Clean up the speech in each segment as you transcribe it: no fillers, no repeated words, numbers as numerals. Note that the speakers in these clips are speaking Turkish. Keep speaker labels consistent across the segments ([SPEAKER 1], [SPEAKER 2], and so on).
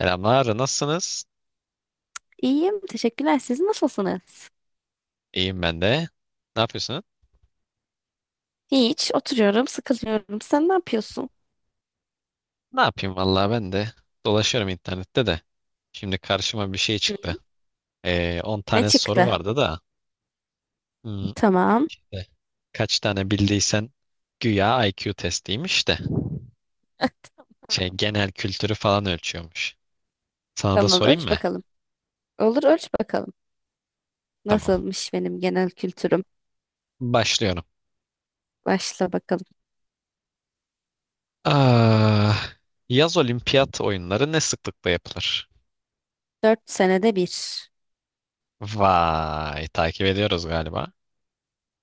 [SPEAKER 1] Selamlar, nasılsınız?
[SPEAKER 2] İyiyim, teşekkürler. Siz nasılsınız?
[SPEAKER 1] İyiyim ben de. Ne yapıyorsunuz?
[SPEAKER 2] Hiç, oturuyorum, sıkılıyorum. Sen ne yapıyorsun?
[SPEAKER 1] Ne yapayım vallahi ben de. Dolaşıyorum internette de. Şimdi karşıma bir şey
[SPEAKER 2] Hı.
[SPEAKER 1] çıktı. 10
[SPEAKER 2] Ne
[SPEAKER 1] tane soru
[SPEAKER 2] çıktı?
[SPEAKER 1] vardı da. Hmm,
[SPEAKER 2] Tamam.
[SPEAKER 1] de, kaç tane bildiysen güya IQ testiymiş de.
[SPEAKER 2] Tamam,
[SPEAKER 1] Genel kültürü falan ölçüyormuş. Sana da
[SPEAKER 2] Tamam,
[SPEAKER 1] sorayım
[SPEAKER 2] ölç
[SPEAKER 1] mı?
[SPEAKER 2] bakalım. Olur, ölç bakalım.
[SPEAKER 1] Tamam.
[SPEAKER 2] Nasılmış benim genel kültürüm?
[SPEAKER 1] Başlıyorum.
[SPEAKER 2] Başla bakalım.
[SPEAKER 1] Ah, yaz olimpiyat oyunları ne sıklıkla yapılır?
[SPEAKER 2] 4 senede bir.
[SPEAKER 1] Vay, takip ediyoruz galiba.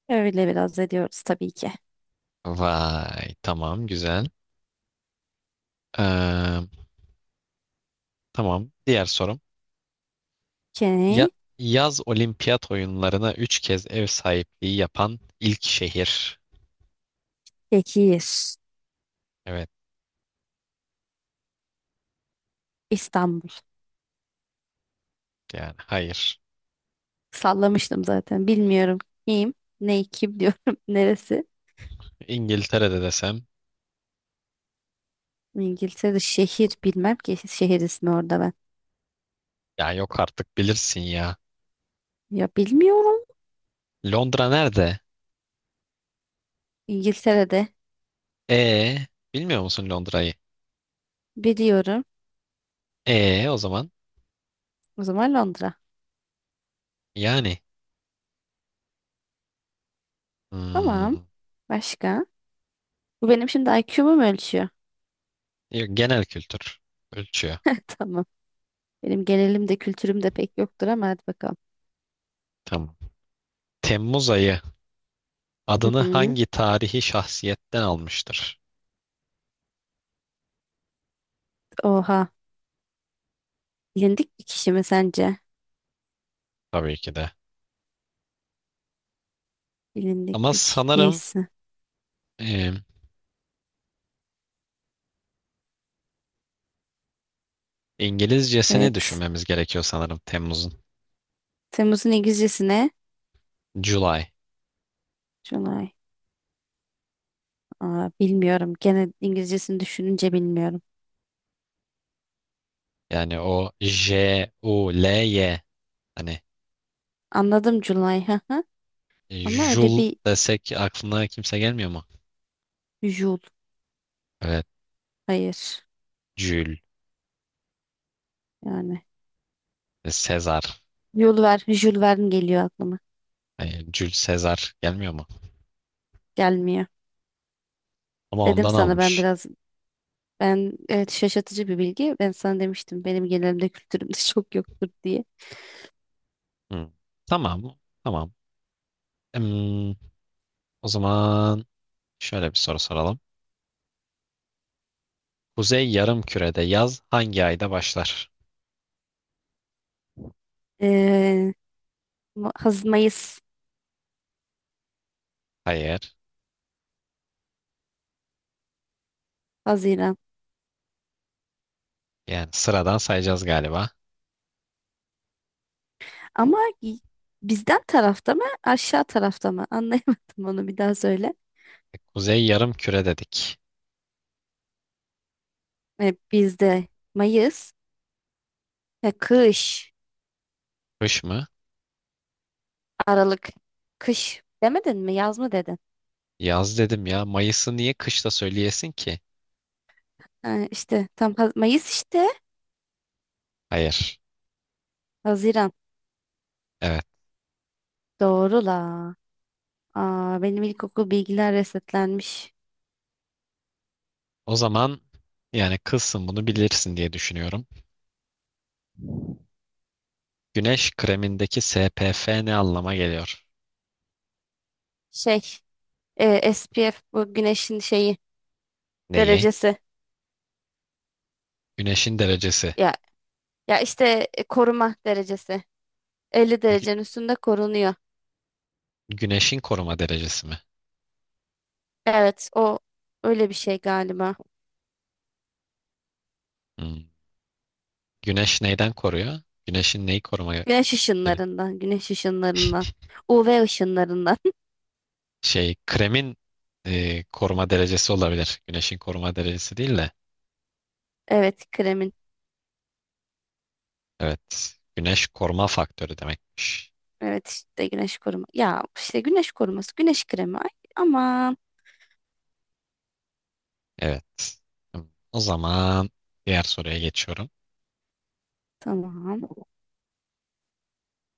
[SPEAKER 2] Öyle biraz ediyoruz tabii ki.
[SPEAKER 1] Vay, tamam, güzel. Ee, Tamam. Diğer sorum. Ya,
[SPEAKER 2] Okey.
[SPEAKER 1] yaz olimpiyat oyunlarına 3 kez ev sahipliği yapan ilk şehir.
[SPEAKER 2] Tekir.
[SPEAKER 1] Evet,
[SPEAKER 2] İstanbul.
[SPEAKER 1] yani hayır.
[SPEAKER 2] Sallamıştım zaten. Bilmiyorum kim, ne kim diyorum. Neresi?
[SPEAKER 1] İngiltere'de desem
[SPEAKER 2] İngiltere'de şehir bilmem ki şehir ismi orada ben.
[SPEAKER 1] ya yok artık bilirsin ya.
[SPEAKER 2] Ya bilmiyorum.
[SPEAKER 1] Londra nerede?
[SPEAKER 2] İngiltere'de
[SPEAKER 1] E, bilmiyor musun Londra'yı?
[SPEAKER 2] Biliyorum.
[SPEAKER 1] E o zaman
[SPEAKER 2] O zaman Londra.
[SPEAKER 1] yani.
[SPEAKER 2] Tamam.
[SPEAKER 1] hmm,
[SPEAKER 2] Başka? Bu benim şimdi IQ'mu mu ölçüyor?
[SPEAKER 1] yok, genel kültür ölçüyor.
[SPEAKER 2] Tamam. Benim genelim de kültürüm de pek yoktur ama hadi bakalım.
[SPEAKER 1] Tamam. Temmuz ayı
[SPEAKER 2] Hı
[SPEAKER 1] adını
[SPEAKER 2] hı.
[SPEAKER 1] hangi tarihi şahsiyetten almıştır?
[SPEAKER 2] Oha. Bilindik bir kişi mi sence?
[SPEAKER 1] Tabii ki de.
[SPEAKER 2] Bilindik
[SPEAKER 1] Ama
[SPEAKER 2] bir kişi
[SPEAKER 1] sanırım
[SPEAKER 2] değilsin.
[SPEAKER 1] e, İngilizcesini
[SPEAKER 2] Evet.
[SPEAKER 1] düşünmemiz gerekiyor sanırım Temmuz'un.
[SPEAKER 2] Temmuz'un İngilizcesi ne?
[SPEAKER 1] July.
[SPEAKER 2] July. Aa, bilmiyorum. Gene İngilizcesini düşününce bilmiyorum.
[SPEAKER 1] Yani o July. Hani
[SPEAKER 2] Anladım July. Hı hı. Ama öyle
[SPEAKER 1] Jul
[SPEAKER 2] bir
[SPEAKER 1] desek aklına kimse gelmiyor mu?
[SPEAKER 2] Jul.
[SPEAKER 1] Evet.
[SPEAKER 2] Hayır.
[SPEAKER 1] Jül,
[SPEAKER 2] Yani.
[SPEAKER 1] Sezar.
[SPEAKER 2] Jul Verne geliyor aklıma.
[SPEAKER 1] Yani Jül Sezar gelmiyor mu?
[SPEAKER 2] Gelmiyor.
[SPEAKER 1] Ama
[SPEAKER 2] Dedim
[SPEAKER 1] ondan
[SPEAKER 2] sana ben
[SPEAKER 1] almış.
[SPEAKER 2] biraz Ben evet şaşırtıcı bir bilgi. Ben sana demiştim benim genelimde kültürümde çok yoktur diye.
[SPEAKER 1] Hı. Tamam. Tamam. Hmm, o zaman şöyle bir soru soralım. Kuzey Yarımküre'de yaz hangi ayda başlar?
[SPEAKER 2] Ee, Ma- Haz Mayıs,
[SPEAKER 1] Hayır.
[SPEAKER 2] Haziran.
[SPEAKER 1] Yani sıradan sayacağız galiba.
[SPEAKER 2] Ama bizden tarafta mı, aşağı tarafta mı? Anlayamadım onu bir daha söyle.
[SPEAKER 1] Kuzey Yarımküre dedik.
[SPEAKER 2] Bizde Mayıs ve kış,
[SPEAKER 1] Kış mı?
[SPEAKER 2] Aralık, kış demedin mi? Yaz mı dedin?
[SPEAKER 1] Yaz dedim ya. Mayıs'ı niye kışta söyleyesin ki?
[SPEAKER 2] Ha, işte tam Mayıs işte
[SPEAKER 1] Hayır.
[SPEAKER 2] Haziran.
[SPEAKER 1] Evet.
[SPEAKER 2] Doğru la. Aa, benim ilkokul bilgiler resetlenmiş.
[SPEAKER 1] O zaman yani, kızsın bunu bilirsin diye düşünüyorum. Güneş kremindeki SPF ne anlama geliyor?
[SPEAKER 2] Şey, SPF bu güneşin şeyi
[SPEAKER 1] Neyi?
[SPEAKER 2] derecesi.
[SPEAKER 1] Güneşin derecesi.
[SPEAKER 2] Ya ya işte koruma derecesi. 50
[SPEAKER 1] Gü-
[SPEAKER 2] derecenin üstünde korunuyor.
[SPEAKER 1] güneşin koruma derecesi mi?
[SPEAKER 2] Evet, o öyle bir şey galiba.
[SPEAKER 1] Hmm. Güneş neyden koruyor? Güneşin neyi koruma,
[SPEAKER 2] Güneş ışınlarından, güneş ışınlarından, UV ışınlarından.
[SPEAKER 1] şey kremin koruma derecesi olabilir. Güneşin koruma derecesi değil de.
[SPEAKER 2] Evet, kremin.
[SPEAKER 1] Evet. Güneş koruma faktörü demekmiş.
[SPEAKER 2] Evet işte güneş koruma. Ya işte güneş koruması, güneş kremi. Ay, aman
[SPEAKER 1] Evet. O zaman diğer soruya geçiyorum.
[SPEAKER 2] tamam.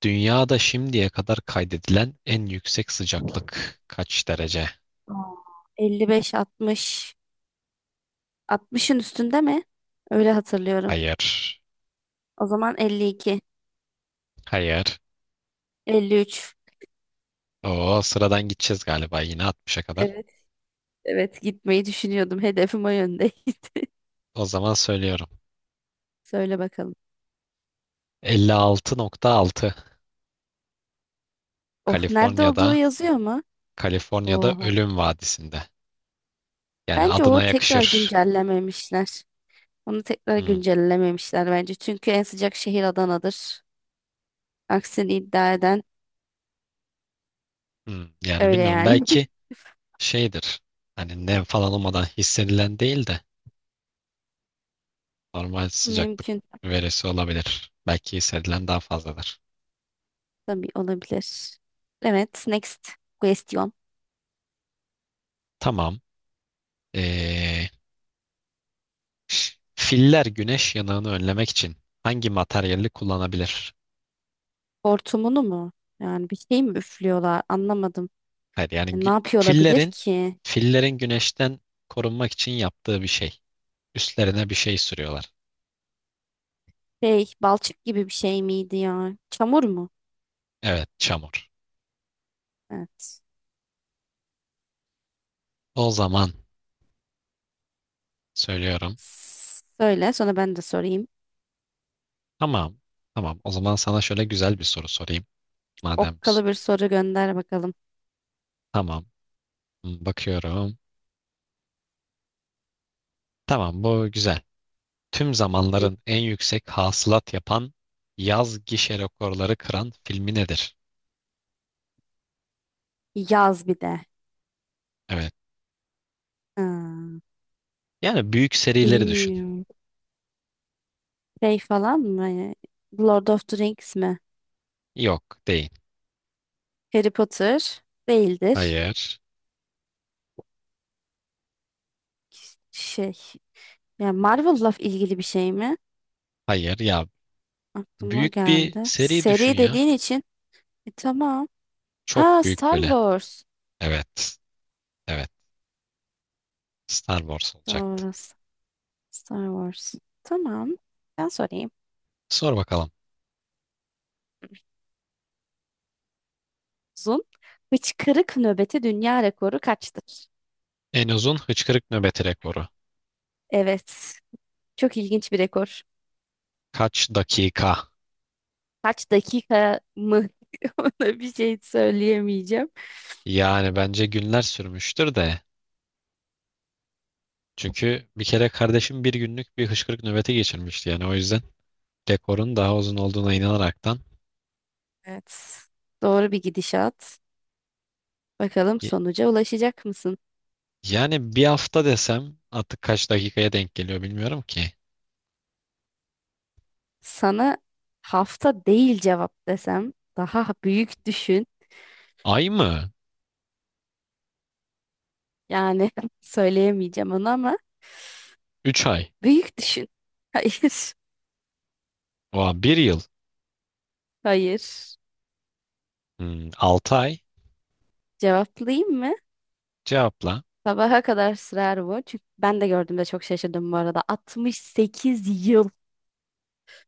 [SPEAKER 1] Dünyada şimdiye kadar kaydedilen en yüksek sıcaklık kaç derece?
[SPEAKER 2] Aa, 55 60 60'ın üstünde mi? Öyle hatırlıyorum.
[SPEAKER 1] Hayır.
[SPEAKER 2] O zaman 52,
[SPEAKER 1] Hayır.
[SPEAKER 2] 53.
[SPEAKER 1] O sıradan gideceğiz galiba yine 60'a kadar.
[SPEAKER 2] Evet, evet gitmeyi düşünüyordum. Hedefim o yöndeydi.
[SPEAKER 1] O zaman söylüyorum.
[SPEAKER 2] Söyle bakalım.
[SPEAKER 1] 56,6,
[SPEAKER 2] Oh, nerede olduğu
[SPEAKER 1] Kaliforniya'da
[SPEAKER 2] yazıyor mu?
[SPEAKER 1] Kaliforniya'da
[SPEAKER 2] Oho.
[SPEAKER 1] Ölüm Vadisi'nde. Yani
[SPEAKER 2] Bence o
[SPEAKER 1] adına
[SPEAKER 2] tekrar
[SPEAKER 1] yakışır.
[SPEAKER 2] güncellememişler. Onu tekrar
[SPEAKER 1] Hmm,
[SPEAKER 2] güncellememişler bence. Çünkü en sıcak şehir Adana'dır. Aksini iddia eden
[SPEAKER 1] hmm. Yani
[SPEAKER 2] öyle
[SPEAKER 1] bilmiyorum,
[SPEAKER 2] yani.
[SPEAKER 1] belki şeydir. Hani nem falan olmadan hissedilen değil de normal sıcaklık
[SPEAKER 2] Mümkün.
[SPEAKER 1] verisi olabilir. Belki hissedilen daha fazladır.
[SPEAKER 2] Tabii olabilir. Evet, next question.
[SPEAKER 1] Tamam. Ee, filler güneş yanığını önlemek için hangi materyali kullanabilir?
[SPEAKER 2] Hortumunu mu? Yani bir şey mi üflüyorlar? Anlamadım.
[SPEAKER 1] Hayır yani
[SPEAKER 2] Ne yapıyor olabilir
[SPEAKER 1] fillerin
[SPEAKER 2] ki?
[SPEAKER 1] fillerin güneşten korunmak için yaptığı bir şey. Üstlerine bir şey sürüyorlar.
[SPEAKER 2] Şey, balçık gibi bir şey miydi ya? Çamur mu?
[SPEAKER 1] Evet, çamur.
[SPEAKER 2] Evet.
[SPEAKER 1] O zaman söylüyorum.
[SPEAKER 2] Söyle, sonra ben de sorayım.
[SPEAKER 1] Tamam. Tamam. O zaman sana şöyle güzel bir soru sorayım. Madem
[SPEAKER 2] Okkalı bir soru gönder bakalım.
[SPEAKER 1] tamam. Bakıyorum. Tamam, bu güzel. Tüm zamanların en yüksek hasılat yapan yaz gişe rekorları kıran filmi nedir?
[SPEAKER 2] Yaz bir de.
[SPEAKER 1] Evet.
[SPEAKER 2] Ha,
[SPEAKER 1] Yani büyük serileri düşün.
[SPEAKER 2] bilmiyorum. Şey falan mı? Hani Lord of the Rings mi?
[SPEAKER 1] Yok değil.
[SPEAKER 2] Harry Potter değildir.
[SPEAKER 1] Hayır.
[SPEAKER 2] Şey. Ya Marvel'la ilgili bir şey mi?
[SPEAKER 1] Hayır ya,
[SPEAKER 2] Aklıma o
[SPEAKER 1] büyük bir
[SPEAKER 2] geldi.
[SPEAKER 1] seri düşün
[SPEAKER 2] Seri
[SPEAKER 1] ya.
[SPEAKER 2] dediğin için. Tamam.
[SPEAKER 1] Çok
[SPEAKER 2] Ha
[SPEAKER 1] büyük
[SPEAKER 2] Star
[SPEAKER 1] böyle.
[SPEAKER 2] Wars.
[SPEAKER 1] Evet. Evet. Star Wars olacaktı.
[SPEAKER 2] Doğru. Star Wars. Tamam. Ben sorayım.
[SPEAKER 1] Sor bakalım.
[SPEAKER 2] Uzun. Hıçkırık nöbeti dünya rekoru kaçtır?
[SPEAKER 1] En uzun hıçkırık nöbeti rekoru.
[SPEAKER 2] Evet. Çok ilginç bir rekor.
[SPEAKER 1] Kaç dakika?
[SPEAKER 2] Kaç dakika mı, ona bir şey söyleyemeyeceğim.
[SPEAKER 1] Yani bence günler sürmüştür de. Çünkü bir kere kardeşim bir günlük bir hıçkırık nöbeti geçirmişti. Yani o yüzden rekorun daha uzun olduğuna inanaraktan.
[SPEAKER 2] Evet. Doğru bir gidişat. Bakalım
[SPEAKER 1] Y-
[SPEAKER 2] sonuca ulaşacak mısın?
[SPEAKER 1] Yani bir hafta desem artık kaç dakikaya denk geliyor bilmiyorum ki.
[SPEAKER 2] Sana hafta değil cevap desem daha büyük düşün.
[SPEAKER 1] Ay mı?
[SPEAKER 2] Yani söyleyemeyeceğim onu ama
[SPEAKER 1] 3 ay.
[SPEAKER 2] büyük düşün. Hayır.
[SPEAKER 1] Oha, bir yıl.
[SPEAKER 2] Hayır.
[SPEAKER 1] 6 ay.
[SPEAKER 2] Cevaplayayım mı?
[SPEAKER 1] Cevapla.
[SPEAKER 2] Sabaha kadar sürer bu. Çünkü ben de gördüğümde çok şaşırdım bu arada. 68 yıl.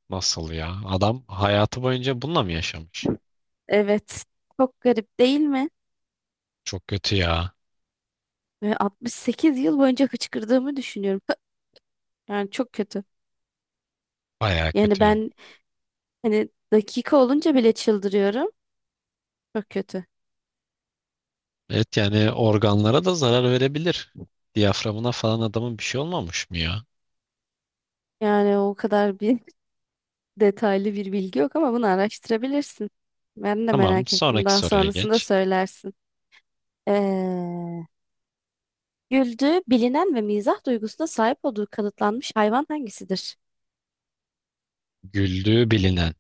[SPEAKER 1] Nasıl ya? Adam hayatı boyunca bununla mı yaşamış?
[SPEAKER 2] Evet. Çok garip değil mi?
[SPEAKER 1] Çok kötü ya.
[SPEAKER 2] Ve 68 yıl boyunca hıçkırdığımı düşünüyorum. Hı, Yani çok kötü.
[SPEAKER 1] Bayağı
[SPEAKER 2] Yani
[SPEAKER 1] kötüyüm.
[SPEAKER 2] ben hani dakika olunca bile çıldırıyorum. Çok kötü.
[SPEAKER 1] Evet, yani organlara da zarar verebilir. Diyaframına falan adamın bir şey olmamış mı ya?
[SPEAKER 2] Yani o kadar bir detaylı bir bilgi yok ama bunu araştırabilirsin. Ben de
[SPEAKER 1] Tamam,
[SPEAKER 2] merak ettim.
[SPEAKER 1] sonraki
[SPEAKER 2] Daha
[SPEAKER 1] soruya
[SPEAKER 2] sonrasında
[SPEAKER 1] geç.
[SPEAKER 2] söylersin. Ee, güldüğü bilinen ve mizah duygusuna sahip olduğu kanıtlanmış hayvan hangisidir?
[SPEAKER 1] Güldüğü bilinen.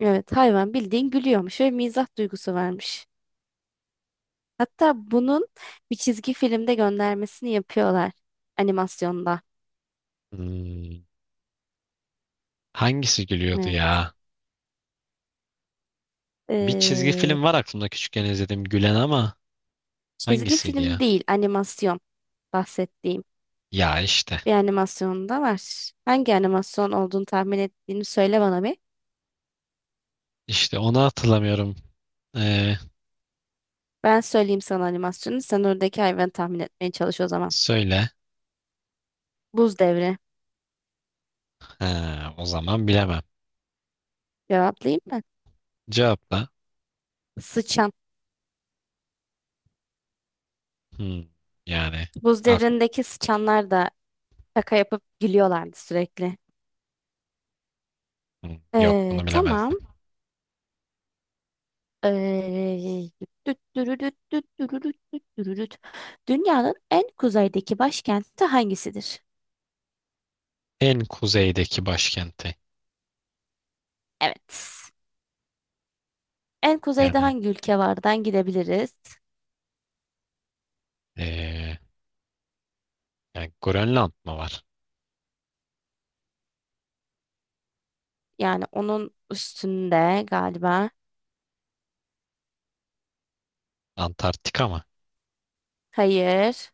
[SPEAKER 2] Evet, hayvan bildiğin gülüyormuş ve mizah duygusu varmış. Hatta bunun bir çizgi filmde göndermesini yapıyorlar animasyonda.
[SPEAKER 1] Hmm, hangisi gülüyordu
[SPEAKER 2] Evet.
[SPEAKER 1] ya? Bir çizgi
[SPEAKER 2] Ee,
[SPEAKER 1] film var aklımda küçükken izlediğim gülen, ama
[SPEAKER 2] çizgi
[SPEAKER 1] hangisiydi
[SPEAKER 2] film
[SPEAKER 1] ya?
[SPEAKER 2] değil, animasyon bahsettiğim
[SPEAKER 1] Ya işte.
[SPEAKER 2] bir animasyon da var. Hangi animasyon olduğunu tahmin ettiğini söyle bana bir.
[SPEAKER 1] İşte onu hatırlamıyorum. Ee,
[SPEAKER 2] Ben söyleyeyim sana animasyonu. Sen oradaki hayvanı tahmin etmeye çalış o zaman.
[SPEAKER 1] söyle.
[SPEAKER 2] Buz devri.
[SPEAKER 1] Ha, o zaman bilemem.
[SPEAKER 2] Cevaplayayım mı?
[SPEAKER 1] Cevapla.
[SPEAKER 2] Sıçan.
[SPEAKER 1] Hmm, yani
[SPEAKER 2] Buz devrindeki sıçanlar da şaka yapıp gülüyorlardı sürekli.
[SPEAKER 1] aklım yok, bunu bilemezdim.
[SPEAKER 2] Tamam. Ee, düt dürüdüt düt dürüdüt düt dürüdüt. Dünyanın en kuzeydeki başkenti hangisidir?
[SPEAKER 1] En kuzeydeki başkenti.
[SPEAKER 2] Evet. En kuzeyde
[SPEAKER 1] Yani
[SPEAKER 2] hangi ülke vardan gidebiliriz?
[SPEAKER 1] ee, yani Grönland mı var?
[SPEAKER 2] Yani onun üstünde galiba.
[SPEAKER 1] Antarktika mı?
[SPEAKER 2] Hayır.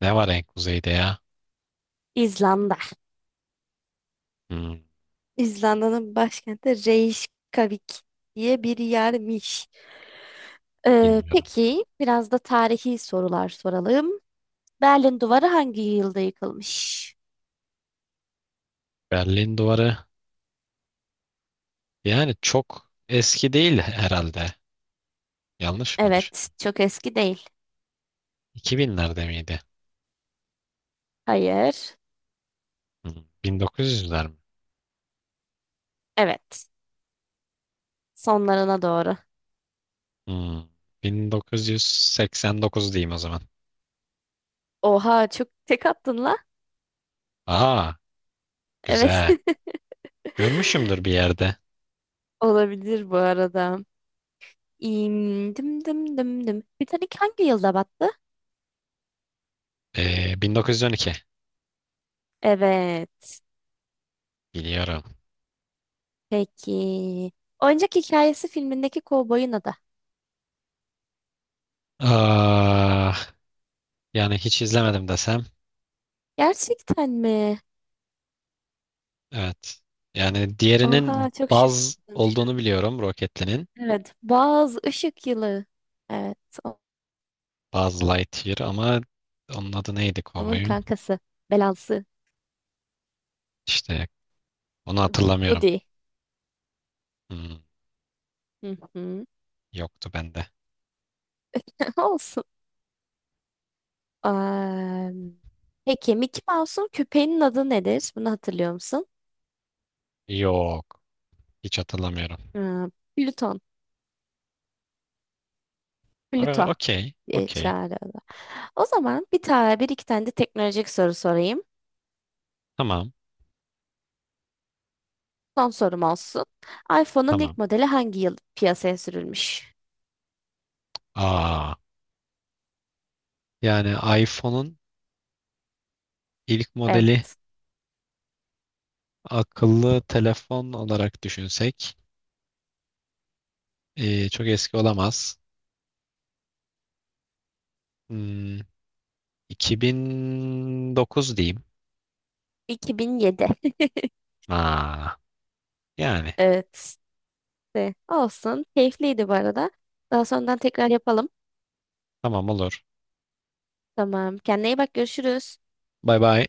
[SPEAKER 1] Ne var en kuzeyde ya?
[SPEAKER 2] İzlanda.
[SPEAKER 1] Hmm,
[SPEAKER 2] İzlanda'nın başkenti Reykjavik diye bir yermiş.
[SPEAKER 1] bilmiyorum.
[SPEAKER 2] Peki biraz da tarihi sorular soralım. Berlin Duvarı hangi yılda yıkılmış?
[SPEAKER 1] Berlin Duvarı. Yani çok eski değil herhalde. Yanlış mı
[SPEAKER 2] Evet,
[SPEAKER 1] düşünüyorum?
[SPEAKER 2] çok eski değil.
[SPEAKER 1] 2000'lerde miydi?
[SPEAKER 2] Hayır.
[SPEAKER 1] Hmm, 1900'ler mi?
[SPEAKER 2] Evet, sonlarına doğru.
[SPEAKER 1] Hmm, 1989 diyeyim o zaman.
[SPEAKER 2] Oha, çok tek attın la.
[SPEAKER 1] Aa,
[SPEAKER 2] Evet.
[SPEAKER 1] güzel. Görmüşümdür bir yerde.
[SPEAKER 2] Olabilir bu arada. İm, dım dım dım dım. Titanic hangi yılda battı?
[SPEAKER 1] 1912.
[SPEAKER 2] Evet.
[SPEAKER 1] Biliyorum.
[SPEAKER 2] Peki. Oyuncak Hikayesi filmindeki kovboyun adı.
[SPEAKER 1] Aa, yani hiç izlemedim desem.
[SPEAKER 2] Gerçekten mi?
[SPEAKER 1] Evet. Yani diğerinin
[SPEAKER 2] Oha çok
[SPEAKER 1] Buzz
[SPEAKER 2] şaşırdım şu
[SPEAKER 1] olduğunu
[SPEAKER 2] an.
[SPEAKER 1] biliyorum. Roketli'nin.
[SPEAKER 2] Evet. Buzz Işık Yılı. Evet. o-
[SPEAKER 1] Buzz Lightyear, ama onun adı neydi
[SPEAKER 2] Onun
[SPEAKER 1] kovboyun?
[SPEAKER 2] kankası. Belası.
[SPEAKER 1] İşte onu hatırlamıyorum.
[SPEAKER 2] Woody.
[SPEAKER 1] Hmm,
[SPEAKER 2] Hı hı.
[SPEAKER 1] yoktu bende.
[SPEAKER 2] Olsun. Am, peki Mickey Mouse'un köpeğinin adı nedir? Bunu hatırlıyor musun?
[SPEAKER 1] Yok. Hiç hatırlamıyorum.
[SPEAKER 2] Aa, Plüton.
[SPEAKER 1] Aa,
[SPEAKER 2] Plüto
[SPEAKER 1] okey.
[SPEAKER 2] diye
[SPEAKER 1] Okey.
[SPEAKER 2] çağırıyor. O zaman bir iki tane de teknolojik soru sorayım.
[SPEAKER 1] Tamam.
[SPEAKER 2] Son sorum olsun. iPhone'un
[SPEAKER 1] Tamam.
[SPEAKER 2] ilk modeli hangi yıl piyasaya sürülmüş?
[SPEAKER 1] Aa. Yani iPhone'un ilk modeli
[SPEAKER 2] Evet.
[SPEAKER 1] akıllı telefon olarak düşünsek çok eski olamaz. Hmm, 2009 diyeyim.
[SPEAKER 2] 2007.
[SPEAKER 1] Aa, yani
[SPEAKER 2] Evet. De, olsun. Keyifliydi bu arada. Daha sonradan tekrar yapalım.
[SPEAKER 1] tamam olur.
[SPEAKER 2] Tamam. Kendine iyi bak. Görüşürüz.
[SPEAKER 1] Bay bay.